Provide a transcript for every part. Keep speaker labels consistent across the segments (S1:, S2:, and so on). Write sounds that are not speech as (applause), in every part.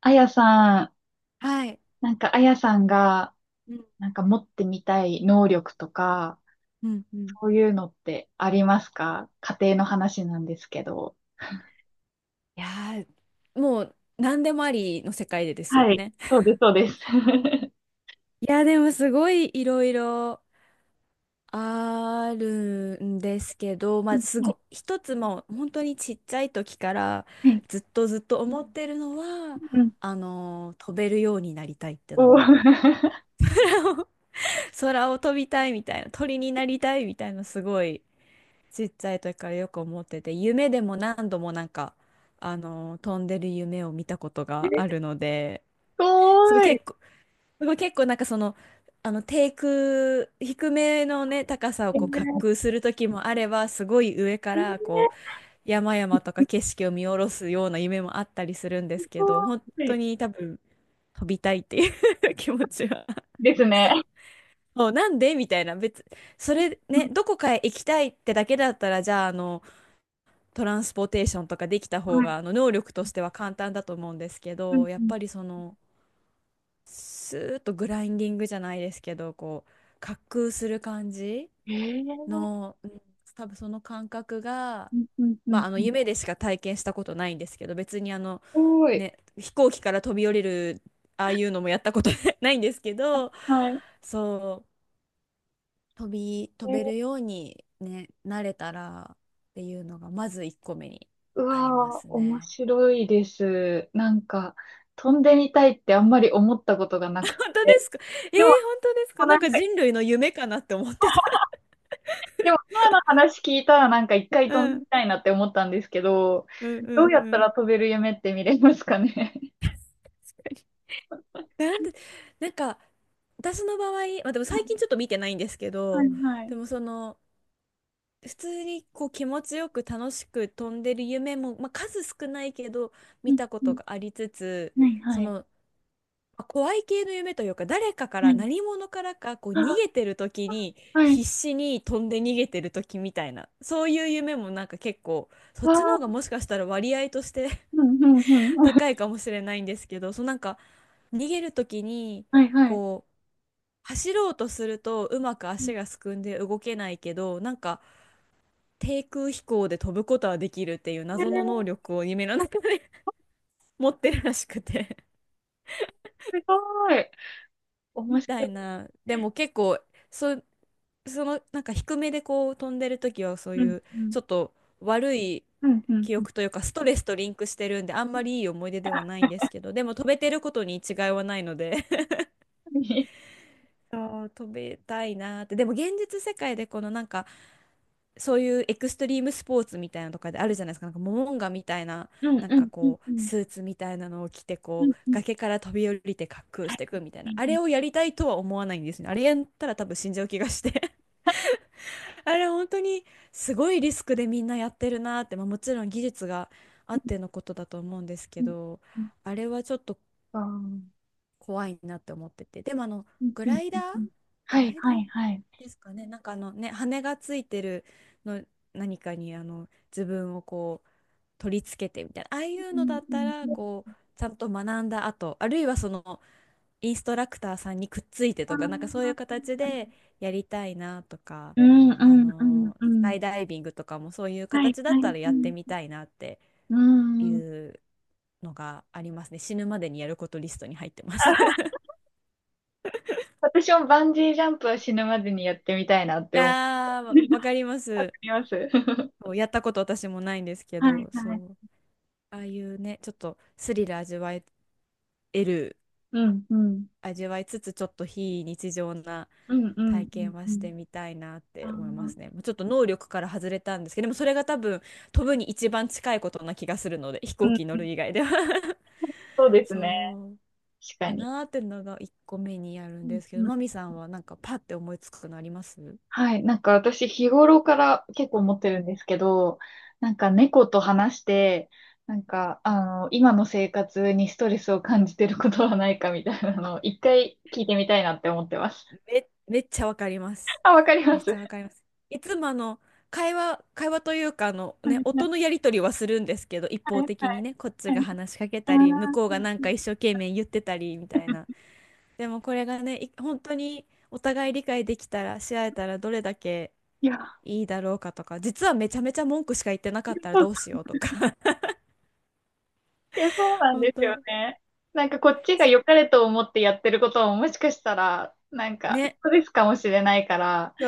S1: あやさん、
S2: はい。
S1: なんかあやさんが、
S2: うん。
S1: なんか持ってみたい能力とか、
S2: うん。うん。
S1: そういうのってありますか？家庭の話なんですけど。
S2: いやー、もう何でもありの世界でですよ
S1: はい。
S2: ね。
S1: そうです、そうです。(laughs)
S2: いや、でもすごいいろいろあるんですけど、ま
S1: う
S2: あ、
S1: ん、はい
S2: 一つもう本当にちっちゃい時から
S1: はい、
S2: ずっと思ってるのは、
S1: うん、
S2: 飛べるようになりたいっての
S1: おー。
S2: は、
S1: (laughs)
S2: (laughs) 空を飛びたいみたいな、鳥になりたいみたいな、すごいちっちゃい時からよく思ってて、夢でも何度も飛んでる夢を見たことがあ
S1: す
S2: るので、
S1: ご
S2: すごい
S1: い。
S2: 結構、すごい結構低空、低めのね、高さを
S1: えー、
S2: こう滑
S1: えー、
S2: 空する時もあれば、すごい上からこう、山々とか景色を見下ろすような夢もあったりするんで
S1: す
S2: すけど、本
S1: ご
S2: 当
S1: い
S2: に多分、飛びたいっていう (laughs) 気持ちは。
S1: ですね。
S2: (laughs) もうなんでみたいな、それ
S1: うん、
S2: ね、どこかへ行きたいってだけだったら、じゃあ、トランスポーテーションとかできた
S1: は
S2: 方
S1: い。
S2: があの能力としては簡単だと思うんですけ
S1: うん
S2: ど、や
S1: う
S2: っ
S1: ん、
S2: ぱりそのスーッとグラインディングじゃないですけど、こう滑空する感じ
S1: えー、
S2: の、うん、多分その感覚が、
S1: うんうんう
S2: まあ、
S1: ん
S2: あの
S1: うん、す
S2: 夢でしか体験したことないんですけど、別にあの、
S1: ごい。
S2: ね、飛行機から飛び降りるああいうのもやったこと (laughs) ないんですけど、
S1: はい。
S2: そう飛べるように、ね、なれたらっていうのがまず1個目に
S1: う
S2: ありま
S1: わー、
S2: す
S1: 面
S2: ね。
S1: 白いです。なんか、飛んでみたいってあんまり思ったことがなく
S2: 本当
S1: て。
S2: ですか？えー、本
S1: でも、
S2: 当ですか？な
S1: な
S2: ん
S1: ん
S2: か
S1: か、
S2: 人類の夢かなって思ってた。
S1: でも今の話聞いたらなんか一回
S2: う
S1: 飛んでみ
S2: ん、
S1: たいなって思ったんですけど、
S2: うん、う
S1: どう
S2: ん、
S1: や
S2: う
S1: った
S2: ん。
S1: ら飛べる夢って見れますかね？
S2: なんで、なんか、私の場合、まあ、でも最近ちょっと見てないんですけ
S1: (laughs) は
S2: ど、
S1: いはい。
S2: でもその、普通にこう気持ちよく楽しく飛んでる夢も、まあ、数少ないけど
S1: う
S2: 見
S1: ん
S2: たこ
S1: う
S2: と
S1: ん。
S2: がありつつ、
S1: はい
S2: そ
S1: はい。
S2: の怖い系の夢というか、誰かか
S1: は
S2: ら
S1: い。
S2: 何者からかこう
S1: あ、
S2: 逃げてる時に
S1: はい。
S2: 必死に飛んで逃げてる時みたいな、そういう夢もなんか結構、そっ
S1: わ
S2: ちの方が
S1: い、
S2: もしかしたら割合として
S1: うんうん
S2: (laughs)
S1: うん。
S2: 高いかもしれないんですけど、そうなんか逃げる時に
S1: はいはい。
S2: こう走ろうとするとうまく足がすくんで動けないけど、なんか低空飛行で飛ぶことはできるっていう
S1: え
S2: 謎の能
S1: ー、
S2: 力を夢の中 (laughs) で持ってるらしくて
S1: すごい。
S2: (laughs) み
S1: 面白
S2: たい
S1: い。
S2: な。でも結構、そう、そのなんか低めでこう飛んでる時はそう
S1: うん
S2: いう
S1: うん。
S2: ちょっと悪い
S1: うんうん
S2: 記
S1: うん。
S2: 憶というかストレスとリンクしてるんで、あんまりいい思い出ではないんですけど、でも飛べてることに違いはないので (laughs) そう飛べたいなーって。でも現実世界でこのなんかそういうエクストリームスポーツみたいなのとかであるじゃないですか、なんかモモンガみたいな、
S1: うん
S2: なん
S1: う
S2: か
S1: んうん
S2: こう、
S1: うん。
S2: スーツみたいなのを着て、
S1: う
S2: こ
S1: ん
S2: う、
S1: うん。
S2: 崖から飛び降りて滑空
S1: は
S2: していくみたいな、あれを
S1: い。
S2: やりたいとは思わないんですね。あれやったら多分死んじゃう気がして。あれ本当にすごいリスクでみんなやってるなって、まあ、もちろん技術があっ
S1: う
S2: てのことだと思うんですけ
S1: ん
S2: ど、
S1: うん、
S2: あれはちょっと
S1: あー、
S2: 怖いなって思ってて。でも
S1: うん
S2: グ
S1: うん
S2: ライ
S1: う
S2: ダ
S1: ん
S2: ー
S1: うん、は
S2: グ
S1: い
S2: ライダー
S1: はいはい。
S2: ですかね。なんかあのね、羽がついてるの、何かにあの自分をこう取り付けてみたいな、ああいう
S1: う
S2: の
S1: ん
S2: だっ
S1: う
S2: た
S1: ん
S2: ら
S1: うん。
S2: こうちゃんと学んだ後、あるいはそのインストラクターさんにくっついて
S1: あ
S2: とか、なんかそういう
S1: ー、
S2: 形でやりたいなとか、
S1: うんう
S2: あ
S1: んうん
S2: のー
S1: う
S2: スカ
S1: ん。
S2: イダイビングとかもそういう
S1: はい
S2: 形だ
S1: は
S2: った
S1: い。
S2: ら
S1: う
S2: やって
S1: ん
S2: みたいなって
S1: う
S2: い
S1: ん。
S2: うのがありますね。死ぬまでにやることリストに入ってます。(laughs)
S1: 私もバンジージャンプは死ぬまでにやってみたいなって思う。
S2: ああ、わか
S1: (laughs)
S2: りま
S1: わか
S2: す。
S1: ります。(laughs)
S2: そうやったこと私もないんですけ
S1: はい
S2: ど、そ
S1: はい。
S2: う。ああいうね、ちょっとスリル味わえる、
S1: うんうん。
S2: 味わいつつ、ちょっと非日常な
S1: うんう
S2: 体
S1: んうん
S2: 験は
S1: う
S2: し
S1: ん。
S2: てみたいなっ
S1: あ
S2: て
S1: ー、う
S2: 思いま
S1: ん
S2: すね。もうちょっと能力から外れたんですけど、でもそれが多分飛ぶに一番近いことな気がするので、飛行
S1: う
S2: 機に乗る
S1: ん、
S2: 以外では
S1: そう
S2: (laughs)
S1: です
S2: そ
S1: ね。
S2: う
S1: 確か
S2: か
S1: に。
S2: なーってのが一個目にやるん
S1: うん
S2: ですけど、
S1: うん、
S2: マミさんはなんかパッて思いつくのあります？う
S1: はい。なんか私日頃から結構思って
S2: ん、
S1: るんですけど、なんか猫と話して、なんか、あの、今の生活にストレスを感じてることはないかみたいなのを一回聞いてみたいなって思ってます。
S2: め、めっちゃわかります。
S1: (laughs) あ、わかりま
S2: めっ
S1: す。(laughs)
S2: ち
S1: は
S2: ゃわかります。いつもあの会話というかあの、ね、
S1: いは
S2: 音のやり取りはするんですけど、一
S1: いはい
S2: 方
S1: は
S2: 的に
S1: い
S2: ね、こっち
S1: は
S2: が
S1: い。
S2: 話しかけ
S1: あ
S2: たり、向こう
S1: ー、う
S2: が
S1: ん
S2: なん
S1: う
S2: か
S1: ん、
S2: 一生懸命言ってたりみたいな。でもこれがね、本当にお互い理解できたら、し合えたらどれだけ
S1: いや。
S2: いいだろうかとか、実はめちゃめちゃ文句しか言ってなかっ
S1: (laughs)
S2: たら
S1: そう
S2: どうしようとか、
S1: いや、そう
S2: (laughs)
S1: なん
S2: 本
S1: ですよ
S2: 当、
S1: ね。なんかこっちが
S2: す、
S1: 良かれと思ってやってることももしかしたら、なんか、
S2: ね、
S1: ストレスかもしれないから、
S2: そ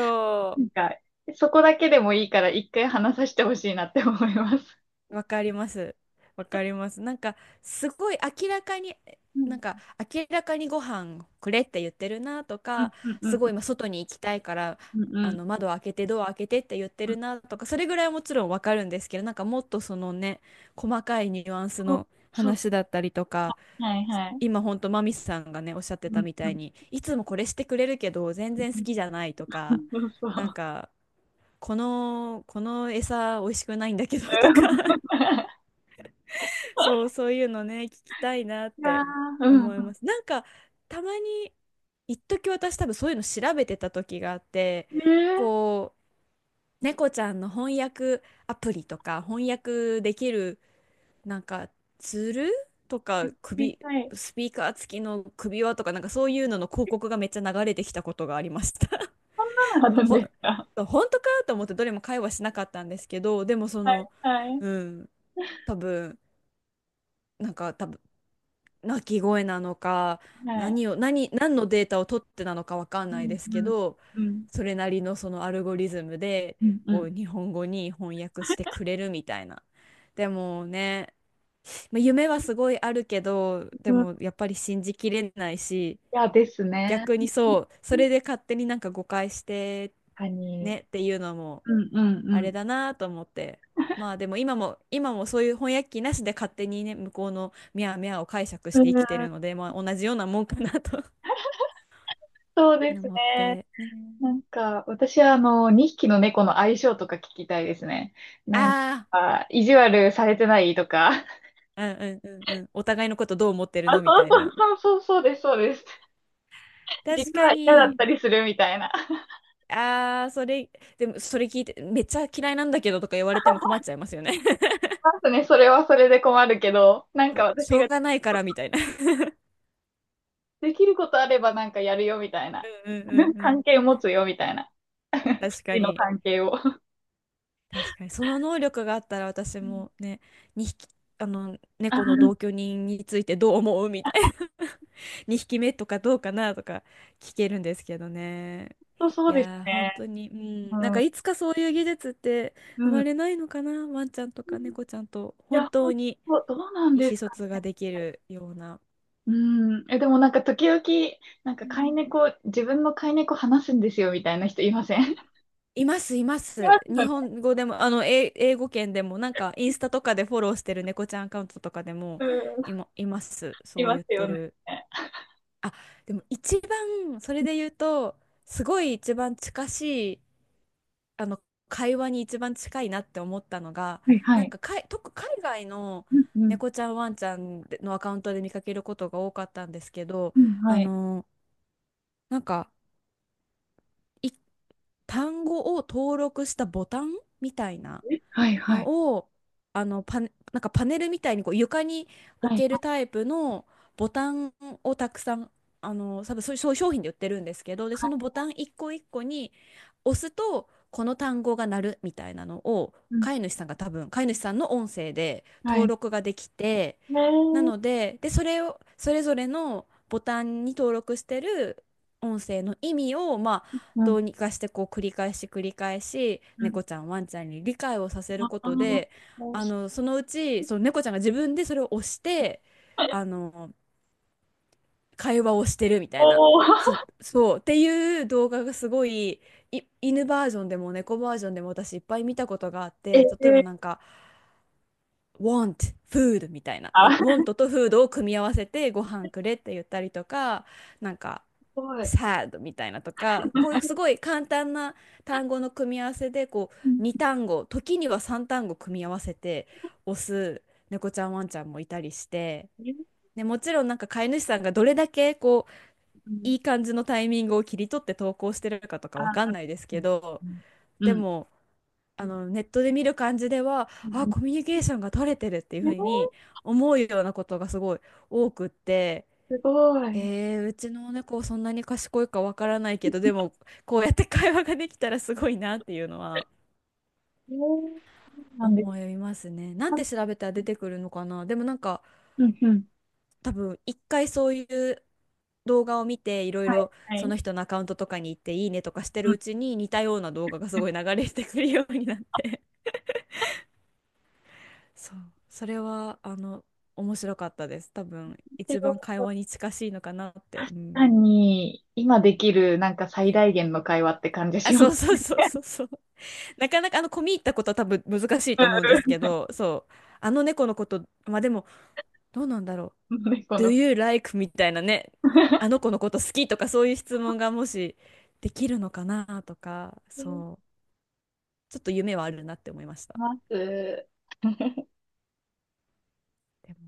S1: な
S2: う
S1: んか、そこだけでもいいから一回話させてほしいなって思います。
S2: わかります。わかります。すごい明らかに、
S1: う
S2: なん
S1: ん。
S2: か、明らかにご飯くれって言ってるなと
S1: うん
S2: か、
S1: うん
S2: す
S1: う
S2: ごい
S1: ん
S2: 今外に行きたいから、
S1: うん、う
S2: あ
S1: ん
S2: の、窓開けて、ドア開けてって言って
S1: う
S2: る
S1: ん。
S2: なとか、それぐらいはもちろんわかるんですけど、なんかもっとそのね、細かいニュアンス
S1: こう、
S2: の
S1: そう。
S2: 話だったりとか、
S1: はいはい。
S2: 今ほんとマミスさんがね、おっしゃって
S1: う
S2: た
S1: ん
S2: み
S1: う
S2: たい
S1: ん
S2: に、いつもこれしてくれるけど、全然好きじゃないと
S1: うん、う
S2: か、
S1: そうそう。う
S2: なん
S1: ん、
S2: か、この餌美味しくないんだけどとか、そういうのね、聞きたいなっ
S1: いやー、
S2: て
S1: うん。
S2: 思います。なんか、たまに、一時私多分そういうの調べてた時があって、
S1: ええ
S2: こう、猫ちゃんの翻訳アプリとか、翻訳できる、なんか、ツールとか、
S1: ー、見たい。
S2: スピーカー付きの首輪とか、なんかそういうのの広告がめっちゃ流れてきたことがありました。
S1: そうな
S2: (laughs)
S1: ん
S2: ほ、
S1: ですか。
S2: 本当かと思ってどれも会話しなかったんですけど、でもそ
S1: はい
S2: の、
S1: はい。
S2: うん、多分、多分鳴き声なのか、
S1: はい。
S2: 何を何、何のデータを取ってなのかわかん
S1: う
S2: ない
S1: ん
S2: です
S1: う
S2: け
S1: ん
S2: ど、
S1: うん
S2: それなりのそのアルゴリズムで
S1: うん、う
S2: こう
S1: ん。
S2: 日本語に翻訳してくれるみたいな。でもね、まあ、夢はすごいあるけど、
S1: う
S2: で
S1: ん、い
S2: もやっぱり信じきれないし、
S1: やですね。
S2: 逆にそうそ
S1: 確
S2: れで勝手になんか誤解して
S1: かに。
S2: ねっていうのも
S1: うんうん
S2: あ
S1: う
S2: れ
S1: ん。
S2: だなと思って。まあでも今もそういう翻訳機なしで勝手にね、向こうのミャーミャーを解釈し
S1: うん、
S2: て生きてるので、まあ同じようなもんかなと
S1: そう
S2: (laughs)
S1: です
S2: 思っ
S1: ね。
S2: て。ね。
S1: なんか、私はあの、2匹の猫の相性とか聞きたいですね。なん
S2: あ
S1: か、意地悪されてないとか。(laughs)
S2: あ、うんうんうんうん。お互いのことどう思ってる
S1: あ、
S2: のみ
S1: そ
S2: た
S1: う
S2: い
S1: そう
S2: な。
S1: そうそう、そうです、そうです。
S2: 確
S1: 実
S2: か
S1: は嫌だっ
S2: に。
S1: たりするみたいな。
S2: ああ、それ、でもそれ聞いて、めっちゃ嫌いなんだけどとか言われても困っちゃいますよね。(laughs)
S1: まずね、それはそれで困るけど、なん
S2: そ
S1: か
S2: うし
S1: 私
S2: ょう
S1: が
S2: がないからみたいな。(laughs)
S1: できることあればなんかやるよみたいな。
S2: うんうんうんうん。
S1: 関係持つよみたいな。
S2: 確
S1: 不
S2: か
S1: 利の
S2: に。
S1: 関係を。
S2: 確かにその能力があったら私
S1: うん、
S2: もね、2匹あの
S1: あ、
S2: 猫の
S1: 本
S2: 同居人についてどう思うみたいな (laughs) 2匹目とかどうかなとか聞けるんですけどね。
S1: 当そう
S2: い
S1: です
S2: やー本
S1: ね。
S2: 当に、う
S1: う
S2: ん、なんか
S1: ん。
S2: いつかそういう技術って生
S1: うん。
S2: まれ
S1: い
S2: ないのかな、ワンちゃんとか猫ちゃんと本
S1: や、本
S2: 当に
S1: 当、どうなん
S2: 意
S1: で
S2: 思
S1: す、
S2: 疎通ができるような。
S1: うん。え、でもなんか時々、なんか飼い猫、自分の飼い猫話すんですよみたいな人いません？ (laughs)
S2: います、いま
S1: いま
S2: す。
S1: すよ
S2: 日
S1: ね。
S2: 本語でも、あの、英語圏でも、なんか、インスタとかでフォローしてる猫ちゃんアカウントとかでも、
S1: うん、
S2: います。
S1: い
S2: そう
S1: ま
S2: 言っ
S1: す
S2: て
S1: よね。
S2: る。あ、でも一番、それで言うと、すごい一番近しい、あの、会話に一番近いなって思ったのが、
S1: はいは
S2: なん
S1: い。
S2: か、かい、特、海外の
S1: うんうん。
S2: 猫ちゃん、ワンちゃんのアカウントで見かけることが多かったんですけど、
S1: うん、は
S2: あ
S1: い。
S2: の、なんか、い単語を登録したボタンみたいな。
S1: はいはい。
S2: のをあのパネ、なんかパネルみたいにこう床に置
S1: はい。
S2: けるタイプのボタンをたくさん、あの、多分そういう商品で売ってるんですけど、で、
S1: は
S2: そ
S1: い。
S2: のボタン一個一個に押すとこの単語が鳴るみたいなのを
S1: うん。
S2: 飼い主さんが、多分飼い主さんの音声で
S1: は
S2: 登
S1: い。
S2: 録ができて、
S1: ね
S2: なの
S1: え。
S2: で、で、それを、それぞれのボタンに登録してる音声の意味を、まあ、
S1: う
S2: ど
S1: ん。
S2: うにかしてこう繰り返し繰り返し、
S1: うん。
S2: 猫ちゃん、ワンちゃんに理解をさせる
S1: あ
S2: こ
S1: あ、
S2: とで、
S1: もう
S2: あ
S1: し、
S2: の、そのうち、その猫ちゃんが自分でそれを押して、あの、会話をしてるみたいな、
S1: おー。(laughs)
S2: そう、っていう動画がすごい、犬バージョンでも猫バージョンでも私いっぱい見たことがあっ
S1: え
S2: て、例えば
S1: え、
S2: なんか、want food みたいな。
S1: あ、す
S2: want と food を組み合わせてご飯くれって言ったりとか、なんか
S1: ごい。
S2: sad みたいなとか、こういうすごい簡単な単語の組み合わせで、こ
S1: うん。
S2: う2単語、時には3単語組み合わせて押す猫ちゃんワンちゃんもいたりして、
S1: え、
S2: ね、もちろんなんか飼い主さんがどれだけこう
S1: うん。
S2: いい感じのタイミングを切り取って投稿してるかとか
S1: あ、
S2: わかんないです
S1: う
S2: け
S1: ん。
S2: ど、
S1: うん。う
S2: で
S1: ん。
S2: も、あの、ネットで見る感じでは、
S1: う
S2: あ、
S1: ん、
S2: コミュニケーションが取れてるっていう
S1: え
S2: ふ
S1: ー、
S2: うに
S1: す
S2: 思うようなことがすごい多くって、
S1: ごい。
S2: うちの猫そんなに賢いかわからないけど、でもこうやって会話ができたらすごいなっていうのは
S1: えー、なんです
S2: 思いますね。なん
S1: か。
S2: て調べたら出てくるのかな。でもなんか
S1: うんうん。
S2: 多分一回そういう動画を見て、いろい
S1: はい、
S2: ろ
S1: は
S2: そ
S1: い。
S2: の人のアカウントとかに行っていいねとかしてるうちに、似たような動画がすごい流れてくるようになって、そう、それはあの面白かったです。多分
S1: け
S2: 一番
S1: ど、
S2: 会話に近しいのかなって。うん、
S1: 単に、今できる、なんか最大限の会話って感じ
S2: あ、
S1: しま
S2: そ
S1: す。
S2: うそうそうそうそう。なかなかあの込み入ったことは多分難しいと思うんで
S1: (laughs)
S2: すけど、そう、あの猫のこと、まあでもどうなんだろう。
S1: 猫
S2: Do
S1: の。
S2: you like みたいなね、あの子のこと好きとかそういう質問がもしできるのかなとか、
S1: し
S2: そう、ちょっと夢はあるなって思いました。
S1: ます。
S2: でも